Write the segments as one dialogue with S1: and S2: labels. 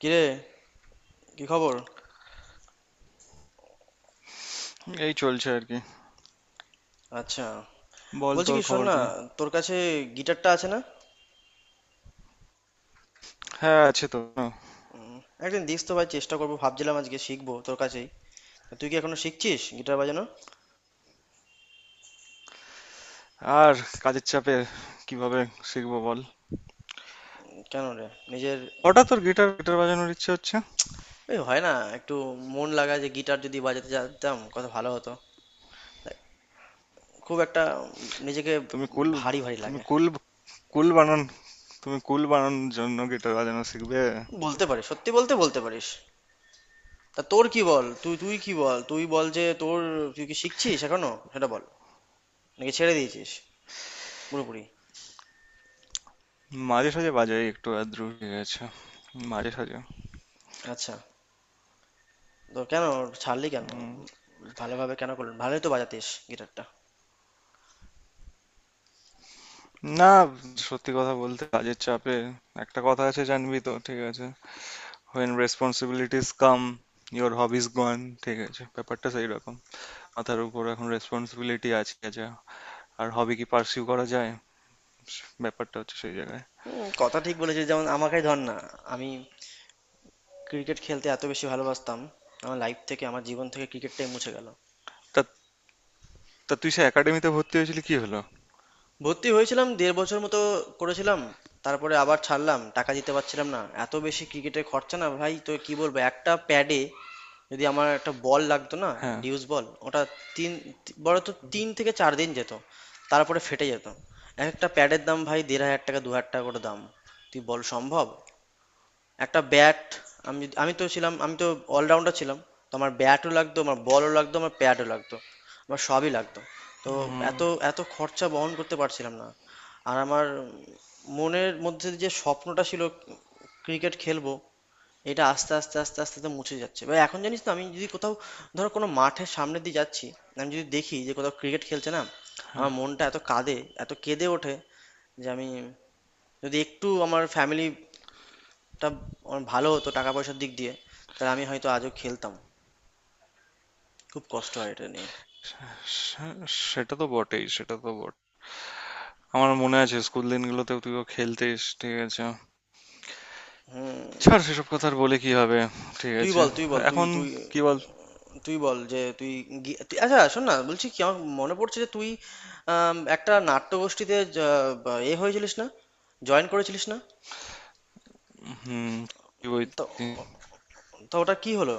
S1: কিরে, কি খবর?
S2: এই চলছে আর কি।
S1: আচ্ছা,
S2: বল,
S1: বলছি
S2: তোর
S1: কি, শোন
S2: খবর
S1: না,
S2: কি?
S1: তোর কাছে গিটারটা আছে না?
S2: হ্যাঁ, আছে তো।
S1: উম, একদিন দিস তো ভাই, চেষ্টা করবো, ভাবছিলাম আজকে শিখবো তোর কাছেই। তা তুই কি এখনো শিখছিস গিটার বাজানো?
S2: আর কাজের চাপে কিভাবে শিখবো বল।
S1: কেন রে? নিজের...
S2: হঠাৎ তোর গিটার গিটার বাজানোর ইচ্ছে হচ্ছে?
S1: এই হয় না একটু মন লাগা, যে গিটার যদি বাজাতে জানতাম কত ভালো হতো। দেখ, খুব একটা নিজেকে
S2: তুমি কুল।
S1: ভারী ভারী
S2: তুমি
S1: লাগে।
S2: কুল। কুল বানান। তুমি কুল বানানোর জন্য গিটার বাজানো শিখবে?
S1: বলতে পারিস, সত্যি বলতে বলতে পারিস। তা তোর কি বল, তুই তুই কি বল, তুই বল যে তোর... তুই কি শিখছিস এখনো, সেটা বল, নাকি ছেড়ে দিয়েছিস পুরোপুরি?
S2: মাঝে সাঝে বাজাই একটু আধটু, ঠিক আছে? মাঝে সাঝে।
S1: আচ্ছা, তো কেন ছাড়লি কেন?
S2: উম,
S1: উম, ভালোভাবে কেন করলেন, ভালোই তো বাজাতিস গিটারটা।
S2: না, সত্যি কথা বলতে কাজের চাপে। একটা কথা আছে জানবি তো, ঠিক আছে? When responsibilities come, your hobbies gone. ঠিক আছে, ব্যাপারটা সেই রকম। মাথার উপর এখন রেসপন্সিবিলিটি আছে, যা আর হবি কি পার্সিউ করা যায়? ব্যাপারটা হচ্ছে সেই জায়গায়।
S1: হুম, কথা ঠিক বলেছিস। যেমন আমাকেই ধর না, আমি ক্রিকেট খেলতে এত বেশি ভালোবাসতাম, আমার লাইফ থেকে, আমার জীবন থেকে ক্রিকেটটাই মুছে গেল।
S2: তা তা তুই সে একাডেমিতে ভর্তি হয়েছিলি, কি হলো?
S1: ভর্তি হয়েছিলাম দেড় বছর মতো করেছিলাম, তারপরে আবার ছাড়লাম, টাকা দিতে পারছিলাম না, এত বেশি ক্রিকেটে খরচা। না ভাই তো কি বলবো, একটা প্যাডে... যদি আমার একটা বল লাগতো না,
S2: হ্যাঁ।
S1: ডিউস বল ওটা, তিন... বড় তো 3 থেকে 4 দিন যেত, তারপরে ফেটে যেত। এক একটা প্যাডের দাম ভাই দেড় হাজার টাকা, 2000 টাকা করে দাম। তুই বল সম্ভব? একটা ব্যাট, আমি তো ছিলাম, আমি তো অলরাউন্ডার ছিলাম, তো আমার ব্যাটও লাগতো, আমার বলও লাগতো, আমার প্যাডও লাগতো, আমার সবই লাগতো। তো এত
S2: উম,
S1: এত খরচা বহন করতে পারছিলাম না। আর আমার মনের মধ্যে যে স্বপ্নটা ছিল ক্রিকেট খেলবো, এটা আস্তে আস্তে আস্তে আস্তে আস্তে মুছে যাচ্ছে ভাই। এখন জানিস তো, আমি যদি কোথাও, ধরো কোনো মাঠের সামনে দিয়ে যাচ্ছি, আমি যদি দেখি যে কোথাও ক্রিকেট খেলছে, না
S2: হ্যাঁ।
S1: আমার মনটা এত কাঁদে, এত কেঁদে ওঠে, যে আমি যদি একটু আমার ফ্যামিলি টা আমার ভালো হতো টাকা পয়সার দিক দিয়ে, তাহলে আমি হয়তো আজও খেলতাম। খুব কষ্ট হয় এটা নিয়ে।
S2: সেটা তো বটেই, সেটা তো বট আমার মনে আছে স্কুল দিনগুলোতেও তুইও খেলতিস, ঠিক আছে?
S1: হুম।
S2: ছাড় সেসব কথা, আর বলে কি হবে? ঠিক
S1: তুই
S2: আছে।
S1: বল, তুই বল, তুই
S2: এখন
S1: তুই
S2: কি বল।
S1: তুই বল যে তুই আচ্ছা শোন না, বলছি কি, আমার মনে পড়ছে যে তুই একটা নাট্যগোষ্ঠীতে জ- বা এ হয়েছিলিস না, জয়েন করেছিলিস না?
S2: হুম। কি
S1: তো
S2: বলছি?
S1: তো ওটা কি হলো?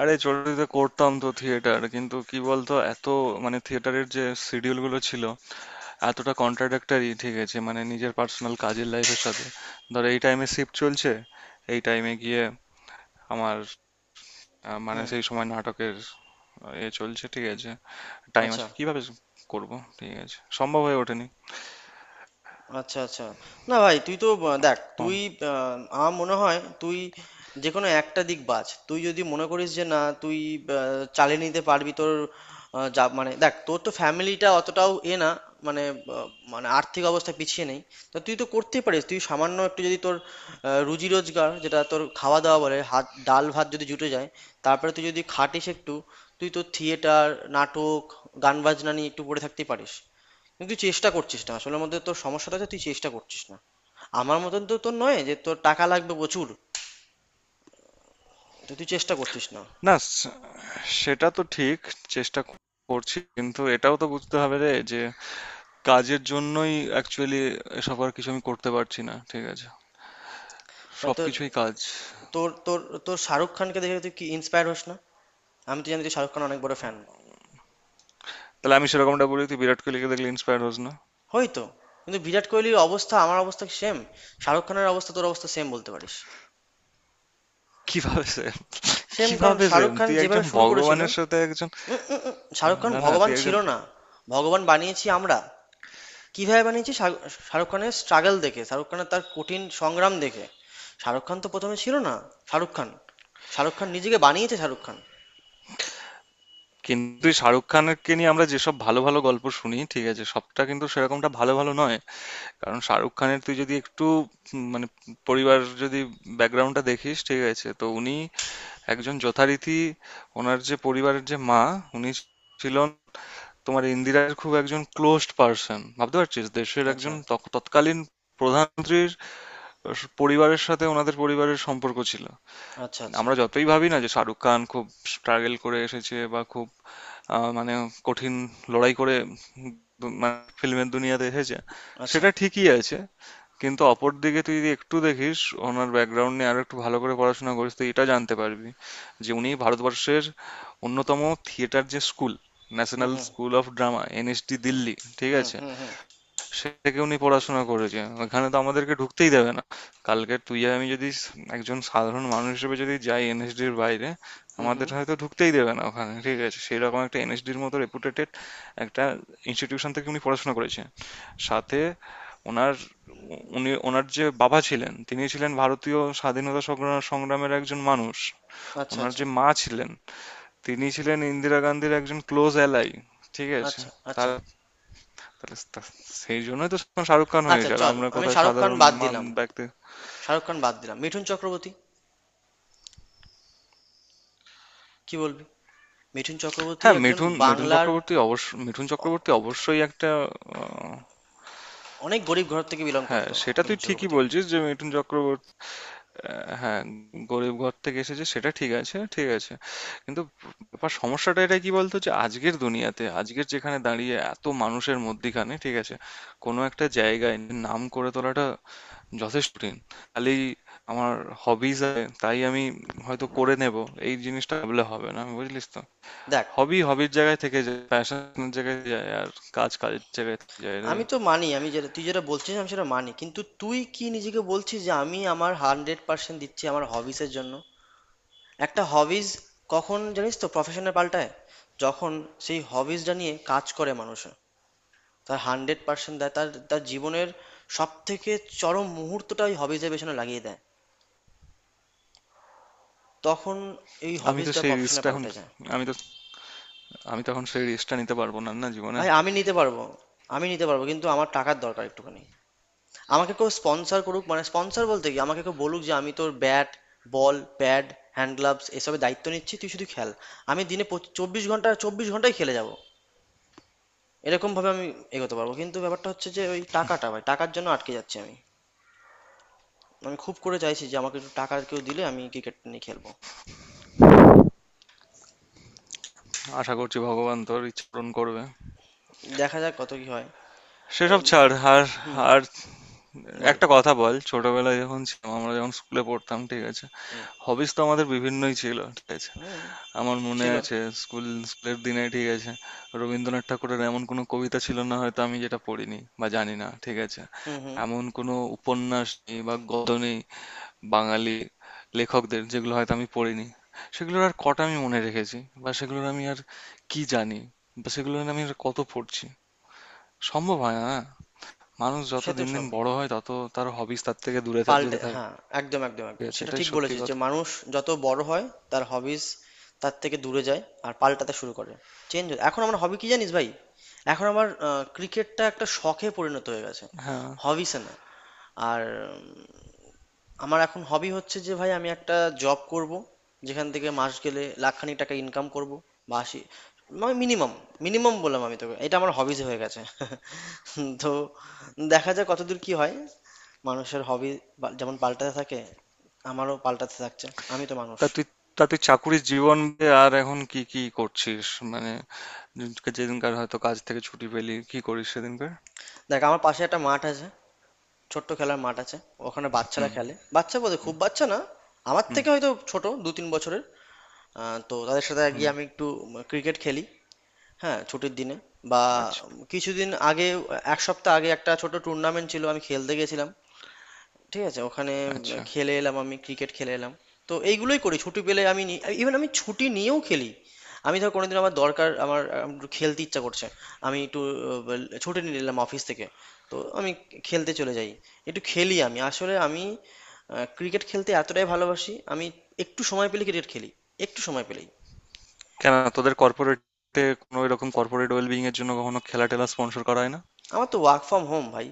S2: আরে ছোটতে করতাম তো থিয়েটার, কিন্তু কি বলতো, এত মানে থিয়েটারের যে শিডিউল গুলো ছিল এতটা কন্ট্রাডাক্টরি, ঠিক আছে? মানে নিজের পার্সোনাল কাজের লাইফের সাথে। ধরো এই টাইমে শিফট চলছে, এই টাইমে গিয়ে আমার মানে
S1: হুম।
S2: সেই সময় নাটকের এ চলছে, ঠিক আছে? টাইম
S1: আচ্ছা,
S2: আছে কিভাবে করব? ঠিক আছে, সম্ভব হয়ে ওঠেনি।
S1: আচ্ছা, আচ্ছা। না ভাই, তুই তো দেখ
S2: কম।
S1: তুই আহ, আমার মনে হয় তুই যে কোনো একটা দিক বাছ। তুই যদি মনে করিস যে না, তুই চালিয়ে নিতে পারবি তোর যা, মানে দেখ, তোর তো ফ্যামিলিটা অতটাও এ না, মানে আহ, মানে আর্থিক অবস্থা পিছিয়ে নেই। তো তুই তো করতেই পারিস, তুই সামান্য একটু যদি তোর রুজি রোজগার, যেটা তোর খাওয়া দাওয়া বলে, হাত, ডাল ভাত যদি জুটে যায়, তারপরে তুই যদি খাটিস একটু, তুই তো থিয়েটার, নাটক, গান বাজনা নিয়ে একটু পড়ে থাকতেই পারিস। কিন্তু তুই চেষ্টা করছিস না আসলে মধ্যে, তোর সমস্যাটা হচ্ছে তুই চেষ্টা করছিস না। আমার মতন তো তোর নয় যে তোর টাকা লাগবে প্রচুর, তো তুই চেষ্টা করছিস না।
S2: না স- সেটা তো ঠিক। চেষ্টা করছি, কিন্তু এটাও তো বুঝতে হবে রে, যে কাজের জন্যই অ্যাকচুয়ালি এসব আর কিছু আমি করতে পারছি না, ঠিক আছে?
S1: মানে তোর,
S2: সবকিছুই কাজ।
S1: তোর তোর তোর শাহরুখ খানকে দেখে তুই কি ইন্সপায়ার হোস না? আমি তো জানি তুই শাহরুখ খান অনেক বড় ফ্যান।
S2: তাহলে আমি সেরকমটা বলি, তুই বিরাট কোহলিকে দেখলে ইন্সপায়ার হোস না?
S1: হয়তো, কিন্তু বিরাট কোহলির অবস্থা আমার অবস্থা সেম, শাহরুখ খানের অবস্থা তোর অবস্থা সেম, বলতে পারিস।
S2: কিভাবে সে,
S1: সেম, কারণ
S2: কিভাবে
S1: শাহরুখ
S2: সেম?
S1: খান
S2: তুই
S1: যেভাবে
S2: একজন
S1: শুরু করেছিল,
S2: ভগবানের সাথে একজন।
S1: উম, উম, উম, শাহরুখ খান
S2: না না,
S1: ভগবান
S2: তুই
S1: ছিল
S2: একজন।
S1: না, ভগবান বানিয়েছি আমরা। কিভাবে বানিয়েছি? শাহরুখ খানের স্ট্রাগল দেখে, শাহরুখ খানের তার কঠিন সংগ্রাম দেখে। শাহরুখ খান তো প্রথমে ছিল না। শাহরুখ খান শাহরুখ খান নিজেকে বানিয়েছে শাহরুখ খান।
S2: কিন্তু তুই শাহরুখ খানকে নিয়ে আমরা যেসব ভালো ভালো গল্প শুনি, ঠিক আছে, সবটা কিন্তু সেরকমটা ভালো ভালো নয়। কারণ শাহরুখ খানের তুই যদি একটু মানে পরিবার, যদি ব্যাকগ্রাউন্ডটা দেখিস, ঠিক আছে, তো উনি একজন যথারীতি, ওনার যে পরিবারের যে মা উনি ছিলেন তোমার ইন্দিরার খুব একজন ক্লোজড পার্সন। ভাবতে পারছিস, দেশের
S1: আচ্ছা,
S2: একজন তৎকালীন প্রধানমন্ত্রীর পরিবারের সাথে ওনাদের পরিবারের সম্পর্ক ছিল।
S1: আচ্ছা, আচ্ছা,
S2: আমরা যতই ভাবি না যে শাহরুখ খান খুব স্ট্রাগল করে এসেছে বা খুব মানে কঠিন লড়াই করে ফিল্মের দুনিয়াতে এসেছে,
S1: আচ্ছা।
S2: সেটা ঠিকই আছে, কিন্তু অপর দিকে তুই যদি একটু দেখিস ওনার ব্যাকগ্রাউন্ড নিয়ে আরো একটু ভালো করে পড়াশোনা করিস তো এটা জানতে পারবি, যে উনি ভারতবর্ষের অন্যতম থিয়েটার যে school,
S1: hmm,
S2: national
S1: hmm,
S2: school of drama, NSD
S1: hmm,
S2: Delhi, ঠিক
S1: হুম,
S2: আছে,
S1: হুম, হুম,
S2: সেটাকে উনি পড়াশোনা করেছে। এখানে তো আমাদেরকে ঢুকতেই দেবে না। কালকে তুই আর আমি যদি একজন সাধারণ মানুষ হিসেবে যদি যাই এনএসডির বাইরে,
S1: হুম,
S2: আমাদের
S1: হুম।
S2: হয়তো ঢুকতেই দেবে না ওখানে, ঠিক আছে? সেই রকম একটা এনএসডির মতো রেপুটেটেড একটা ইনস্টিটিউশন থেকে উনি পড়াশোনা করেছে। সাথে ওনার, উনি ওনার যে বাবা ছিলেন তিনি ছিলেন ভারতীয় স্বাধীনতা সংগ্রামের একজন মানুষ।
S1: আচ্ছা
S2: ওনার
S1: আচ্ছা,
S2: যে মা ছিলেন তিনি ছিলেন ইন্দিরা গান্ধীর একজন ক্লোজ অ্যালাই, ঠিক আছে?
S1: আচ্ছা, আচ্ছা।
S2: তার তাহলে তা- সেই জন্যই তো শাহরুখ খান
S1: আচ্ছা,
S2: হয়েছে, আর
S1: চল,
S2: আমরা
S1: আমি
S2: কোথায়
S1: শাহরুখ খান
S2: সাধারণ
S1: বাদ
S2: মান
S1: দিলাম,
S2: ব্যক্তি।
S1: শাহরুখ খান বাদ দিলাম, মিঠুন চক্রবর্তী। কি বলবি? মিঠুন চক্রবর্তী
S2: হ্যাঁ,
S1: একজন
S2: মিঠুন মিঠুন
S1: বাংলার,
S2: চক্রবর্তী অবশ্য মিঠুন চক্রবর্তী অবশ্যই একটা আহ,
S1: অনেক গরিব ঘর থেকে বিলং
S2: হ্যাঁ,
S1: করতো,
S2: সেটা তুই
S1: মিঠুন
S2: ঠিকই
S1: চক্রবর্তী।
S2: বলছিস যে মিঠুন চক্রবর্তী হ্যাঁ, গরিব ঘর থেকে এসেছে, সেটা ঠিক আছে, ঠিক আছে। কিন্তু সমস্যাটা এটা, কি বলতো, যে আজকের দুনিয়াতে আজকের যেখানে দাঁড়িয়ে এত মানুষের মধ্যিখানে, ঠিক আছে, কোনো একটা জায়গায় নাম করে তোলাটা যথেষ্ট কঠিন। খালি আমার হবিজ আছে তাই আমি হয়তো করে নেব, এই জিনিসটা ভাবলে হবে না, বুঝলিস তো?
S1: দেখ,
S2: হবির জায়গায় থেকে যায়, প্যাশনের জায়গায় যায়, আর কাজের জায়গায় থেকে যায় রে।
S1: আমি তো মানি, আমি যেটা তুই যেটা বলছিস আমি সেটা মানি, কিন্তু তুই কি নিজেকে বলছিস যে আমি আমার হান্ড্রেড পার্সেন্ট দিচ্ছি আমার হবিসের জন্য? একটা হবিস কখন জানিস তো প্রফেশনে পাল্টায়? যখন সেই হবিসটা নিয়ে কাজ করে মানুষ, তার হান্ড্রেড পার্সেন্ট দেয়, তার তার জীবনের সব থেকে চরম মুহূর্তটা ওই হবিজের পেছনে লাগিয়ে দেয়, তখন এই
S2: আমি তো
S1: হবিসটা
S2: সেই
S1: প্রফেশনে
S2: রিস্কটা এখন
S1: পাল্টে যায়।
S2: আমি তো আমি তো এখন সেই রিস্কটা নিতে পারবো না না জীবনে।
S1: ভাই, আমি নিতে পারবো, আমি নিতে পারবো, কিন্তু আমার টাকার দরকার একটুখানি। আমাকে কেউ স্পন্সর করুক, মানে স্পন্সর বলতে কি, আমাকে কেউ বলুক যে আমি তোর bat, ball, pad, hand gloves এসবের দায়িত্ব নিচ্ছি, তুই শুধু খেল। আমি দিনে 24 ঘন্টা, 24 ঘন্টাই খেলে যাবো, এরকম ভাবে আমি এগোতে পারবো। কিন্তু ব্যাপারটা হচ্ছে যে ওই টাকাটা ভাই, টাকার জন্য আটকে যাচ্ছি আমি। আমি খুব করে চাইছি যে আমাকে একটু টাকা কেউ দিলে আমি ক্রিকেট নিয়ে খেলবো।
S2: আশা করছি ভগবান তোর ইচ্ছা পূরণ করবে।
S1: দেখা যাক কত কি হয়।
S2: সেসব
S1: এম,
S2: ছাড় আর।
S1: হুম।
S2: আর
S1: বল।
S2: একটা কথা বল, ছোটবেলায় যখন ছিলাম, আমরা যখন স্কুলে পড়তাম, ঠিক আছে,
S1: হুম,
S2: হবিস তো আমাদের বিভিন্নই ছিল, ঠিক আছে।
S1: হুম।
S2: আমার মনে
S1: ছিল।
S2: আছে, স্কুল স্কুলের দিনে, ঠিক আছে, রবীন্দ্রনাথ ঠাকুরের এমন কোনো কবিতা ছিল না হয়তো আমি যেটা পড়িনি বা জানি না, ঠিক আছে?
S1: হুম, হুম।
S2: এমন কোনো উপন্যাস নেই বা গদ্য নেই বাঙালি লেখকদের যেগুলো হয়তো আমি পড়িনি। সেগুলোর আর কটা আমি মনে রেখেছি, বা সেগুলোর আমি আর কি জানি, বা সেগুলো আমি আর কত পড়ছি। সম্ভব হয় না না। মানুষ যত
S1: সে তো
S2: দিন দিন
S1: সবই
S2: বড় হয়, তত তার হবিস তার থেকে
S1: পাল্টে,
S2: যেতে থাকে।
S1: হ্যাঁ। একদম, একদম,
S2: ঠিক
S1: একদম,
S2: আছে,
S1: সেটা
S2: এটাই
S1: ঠিক
S2: সত্যি
S1: বলেছিস, যে
S2: কথা।
S1: মানুষ যত বড় হয় তার হবিস তার থেকে দূরে যায় আর পাল্টাতে শুরু করে, চেঞ্জ। এখন আমার হবি কি জানিস ভাই? এখন আমার ক্রিকেটটা একটা শখে পরিণত হয়ে গেছে,
S2: হ্যাঁ।
S1: হবিসে না। আর উম, আমার এখন হবি হচ্ছে যে, ভাই আমি একটা জব করব যেখান থেকে মাস গেলে লাখখানিক টাকা ইনকাম করব, বা 80, মানে মিনিমাম, মিনিমাম বললাম আমি তোকে। এটা আমার হবিজ হয়ে গেছে তো দেখা যাক কতদূর কি হয়। মানুষের হবি যেমন পাল্টাতে থাকে, আমারও পাল্টাতে থাকছে, আমি তো মানুষ।
S2: তা তুই তা তুই চাকুরির জীবন বাদে আর এখন কি কি করছিস? মানে যেদিনকার হয়তো কাজ থেকে ছুটি পেলি কি করিস সেদিনকার?
S1: দেখ, আমার পাশে একটা মাঠ আছে, ছোট্ট খেলার মাঠ আছে। ওখানে বাচ্চারা
S2: হুম।
S1: খেলে, বাচ্চা বলতে খুব বাচ্চা না, আমার
S2: হুম।
S1: থেকে হয়তো ছোট 2-3 বছরের। তো তাদের সাথে
S2: হুম।
S1: গিয়ে আমি একটু ক্রিকেট খেলি। হ্যাঁ, ছুটির দিনে। বা
S2: আচ্ছা।
S1: কিছুদিন আগে, এক সপ্তাহ আগে একটা ছোট টুর্নামেন্ট ছিল, আমি খেলতে গেছিলাম। ঠিক আছে, ওখানে
S2: আচ্ছা।
S1: খেলে এলাম, আমি ক্রিকেট খেলে এলাম। তো এইগুলোই করি ছুটি পেলে আমি। ইভেন আমি ছুটি নিয়েও খেলি। আমি ধর কোনোদিন আমার দরকার, আমার একটু খেলতে ইচ্ছা করছে, আমি একটু ছুটি নিয়ে নিলাম অফিস থেকে, তো আমি খেলতে চলে যাই, একটু খেলি আমি। আসলে আমি ক্রিকেট খেলতে এতটাই ভালোবাসি, আমি একটু সময় পেলে ক্রিকেট খেলি, একটু সময় পেলেই।
S2: কেন তোদের কর্পোরেটে কোনো এরকম কর্পোরেট ওয়েলবিং এর জন্য কখনো খেলা টেলা স্পন্সর করা হয় না?
S1: আমার তো ওয়ার্ক ফ্রম হোম ভাই,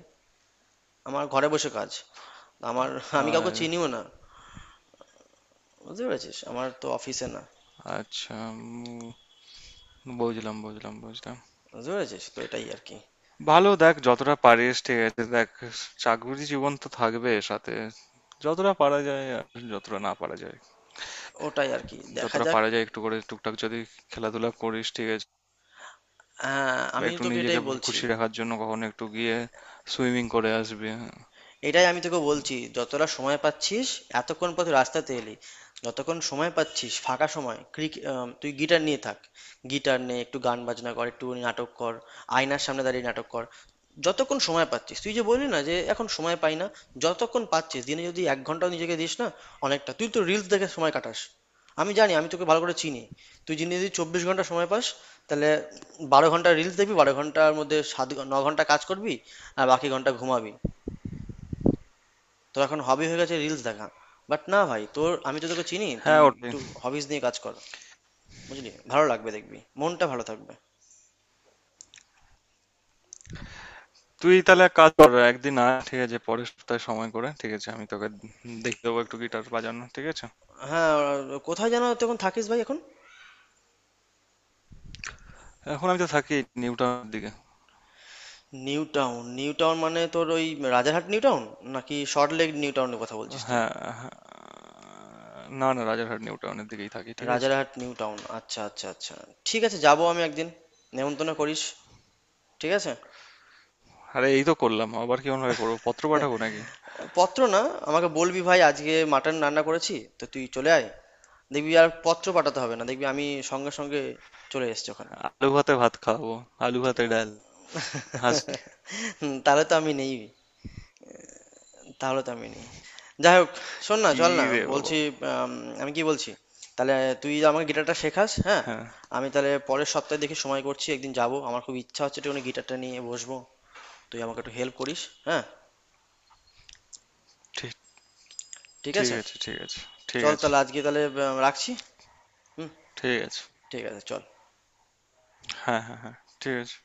S1: আমার ঘরে বসে কাজ। আমার... আমি কাউকে
S2: আর
S1: চিনিও না, বুঝতে পেরেছিস? আমার তো অফিসে না।
S2: আচ্ছা, বুঝলাম, বুঝলাম, বুঝলাম।
S1: বুঝতে পেরেছিস তো, এটাই আর কি।
S2: ভালো, দেখ যতটা পারিস, ঠিক আছে, দেখ চাকুরি জীবন তো থাকবে সাথে, যতটা পারা যায় আর যতটা না পারা যায়,
S1: ওটাই আর কি, দেখা
S2: যতটা
S1: যাক।
S2: পারা যায় একটু করে টুকটাক যদি খেলাধুলা করিস, ঠিক আছে,
S1: হ্যাঁ,
S2: বা
S1: আমি
S2: একটু
S1: তোকে
S2: নিজেকে
S1: এটাই বলছি।
S2: খুশি রাখার জন্য কখনো একটু গিয়ে সুইমিং করে আসবি।
S1: এটাই আমি তোকে বলছি, যতটা সময় পাচ্ছিস, এতক্ষণ পর তুই রাস্তাতে এলি, যতক্ষণ সময় পাচ্ছিস ফাঁকা সময়, ক্রিকেট, তুই গিটার নিয়ে থাক, গিটার নে, একটু গান বাজনা কর, একটু নাটক কর, আয়নার সামনে দাঁড়িয়ে নাটক কর। যতক্ষণ সময় পাচ্ছিস, তুই যে বললি না যে এখন সময় পাই না, যতক্ষণ পাচ্ছিস দিনে যদি 1 ঘন্টাও নিজেকে দিস না, অনেকটা। তুই তো রিলস দেখে সময় কাটাস, আমি জানি, আমি তোকে ভালো করে চিনি। তুই যদি যদি 24 ঘন্টা সময় পাস, তাহলে 12 ঘন্টা রিলস দেখবি, 12 ঘন্টার মধ্যে 9 ঘন্টা কাজ করবি, আর বাকি ঘন্টা ঘুমাবি। তোর এখন হবি হয়ে গেছে রিলস দেখা। বাট না ভাই, তোর... আমি তো তোকে চিনি, তুই
S2: হ্যাঁ, ওটাই।
S1: একটু হবিস নিয়ে কাজ কর, বুঝলি, ভালো লাগবে, দেখবি মনটা ভালো থাকবে।
S2: তুই তাহলে এক কাজ কর, একদিন আয়, ঠিক আছে? পরের সপ্তাহে সময় করে, ঠিক আছে, আমি তোকে দেখে দেবো একটু গিটার বাজানো, ঠিক আছে?
S1: হ্যাঁ। কোথায় যেন তুই এখন থাকিস ভাই এখন?
S2: এখন আমি তো থাকি নিউ টাউনের দিকে।
S1: নিউ টাউন, নিউ টাউন মানে তোর ওই রাজারহাট নিউ টাউন নাকি সল্ট লেক নিউ টাউনের কথা বলছিস তুই?
S2: হ্যাঁ। হ্যাঁ। না না, রাজারহাট নিউ টাউনের দিকেই থাকি, ঠিক আছে?
S1: রাজারহাট নিউ টাউন, আচ্ছা, আচ্ছা, আচ্ছা। ঠিক আছে, যাবো আমি একদিন, নেমন্তন্ন করিস। ঠিক আছে।
S2: আরে এই তো করলাম, আবার কি অন্যভাবে করবো, পত্র পাঠাবো নাকি?
S1: পত্র না, আমাকে বলবি ভাই আজকে মাটন রান্না করেছি তো তুই চলে আয়, দেখবি আর পত্র পাঠাতে হবে না, দেখবি আমি সঙ্গে সঙ্গে চলে এসেছি ওখানে।
S2: আলু ভাতে ভাত খাওয়াবো, আলু ভাতে ডাল, হাসি।
S1: হুম, তাহলে তো আমি নেই, তাহলে তো আমি নেই। যাই হোক, শোন না,
S2: কি
S1: চল না,
S2: রে বাবা!
S1: বলছি, আম, আমি কি বলছি, তাহলে তুই আমাকে গিটারটা শেখাস, হ্যাঁ?
S2: হ্যাঁ।
S1: আমি তাহলে পরের সপ্তাহে দেখি সময় করছি, একদিন যাব। আমার খুব ইচ্ছা হচ্ছে একটু গিটারটা নিয়ে বসবো, তুই আমাকে একটু হেল্প করিস। হ্যাঁ।
S2: ঠিক।
S1: ঠিক
S2: ঠিক
S1: আছে,
S2: আছে, ঠিক আছে। ঠিক
S1: চল
S2: আছে।
S1: তাহলে, আজকে তাহলে রাখছি। হুম,
S2: ঠিক আছে।
S1: ঠিক আছে, চল।
S2: হ্যাঁ, হ্যাঁ, হ্যাঁ। ঠিক আছে।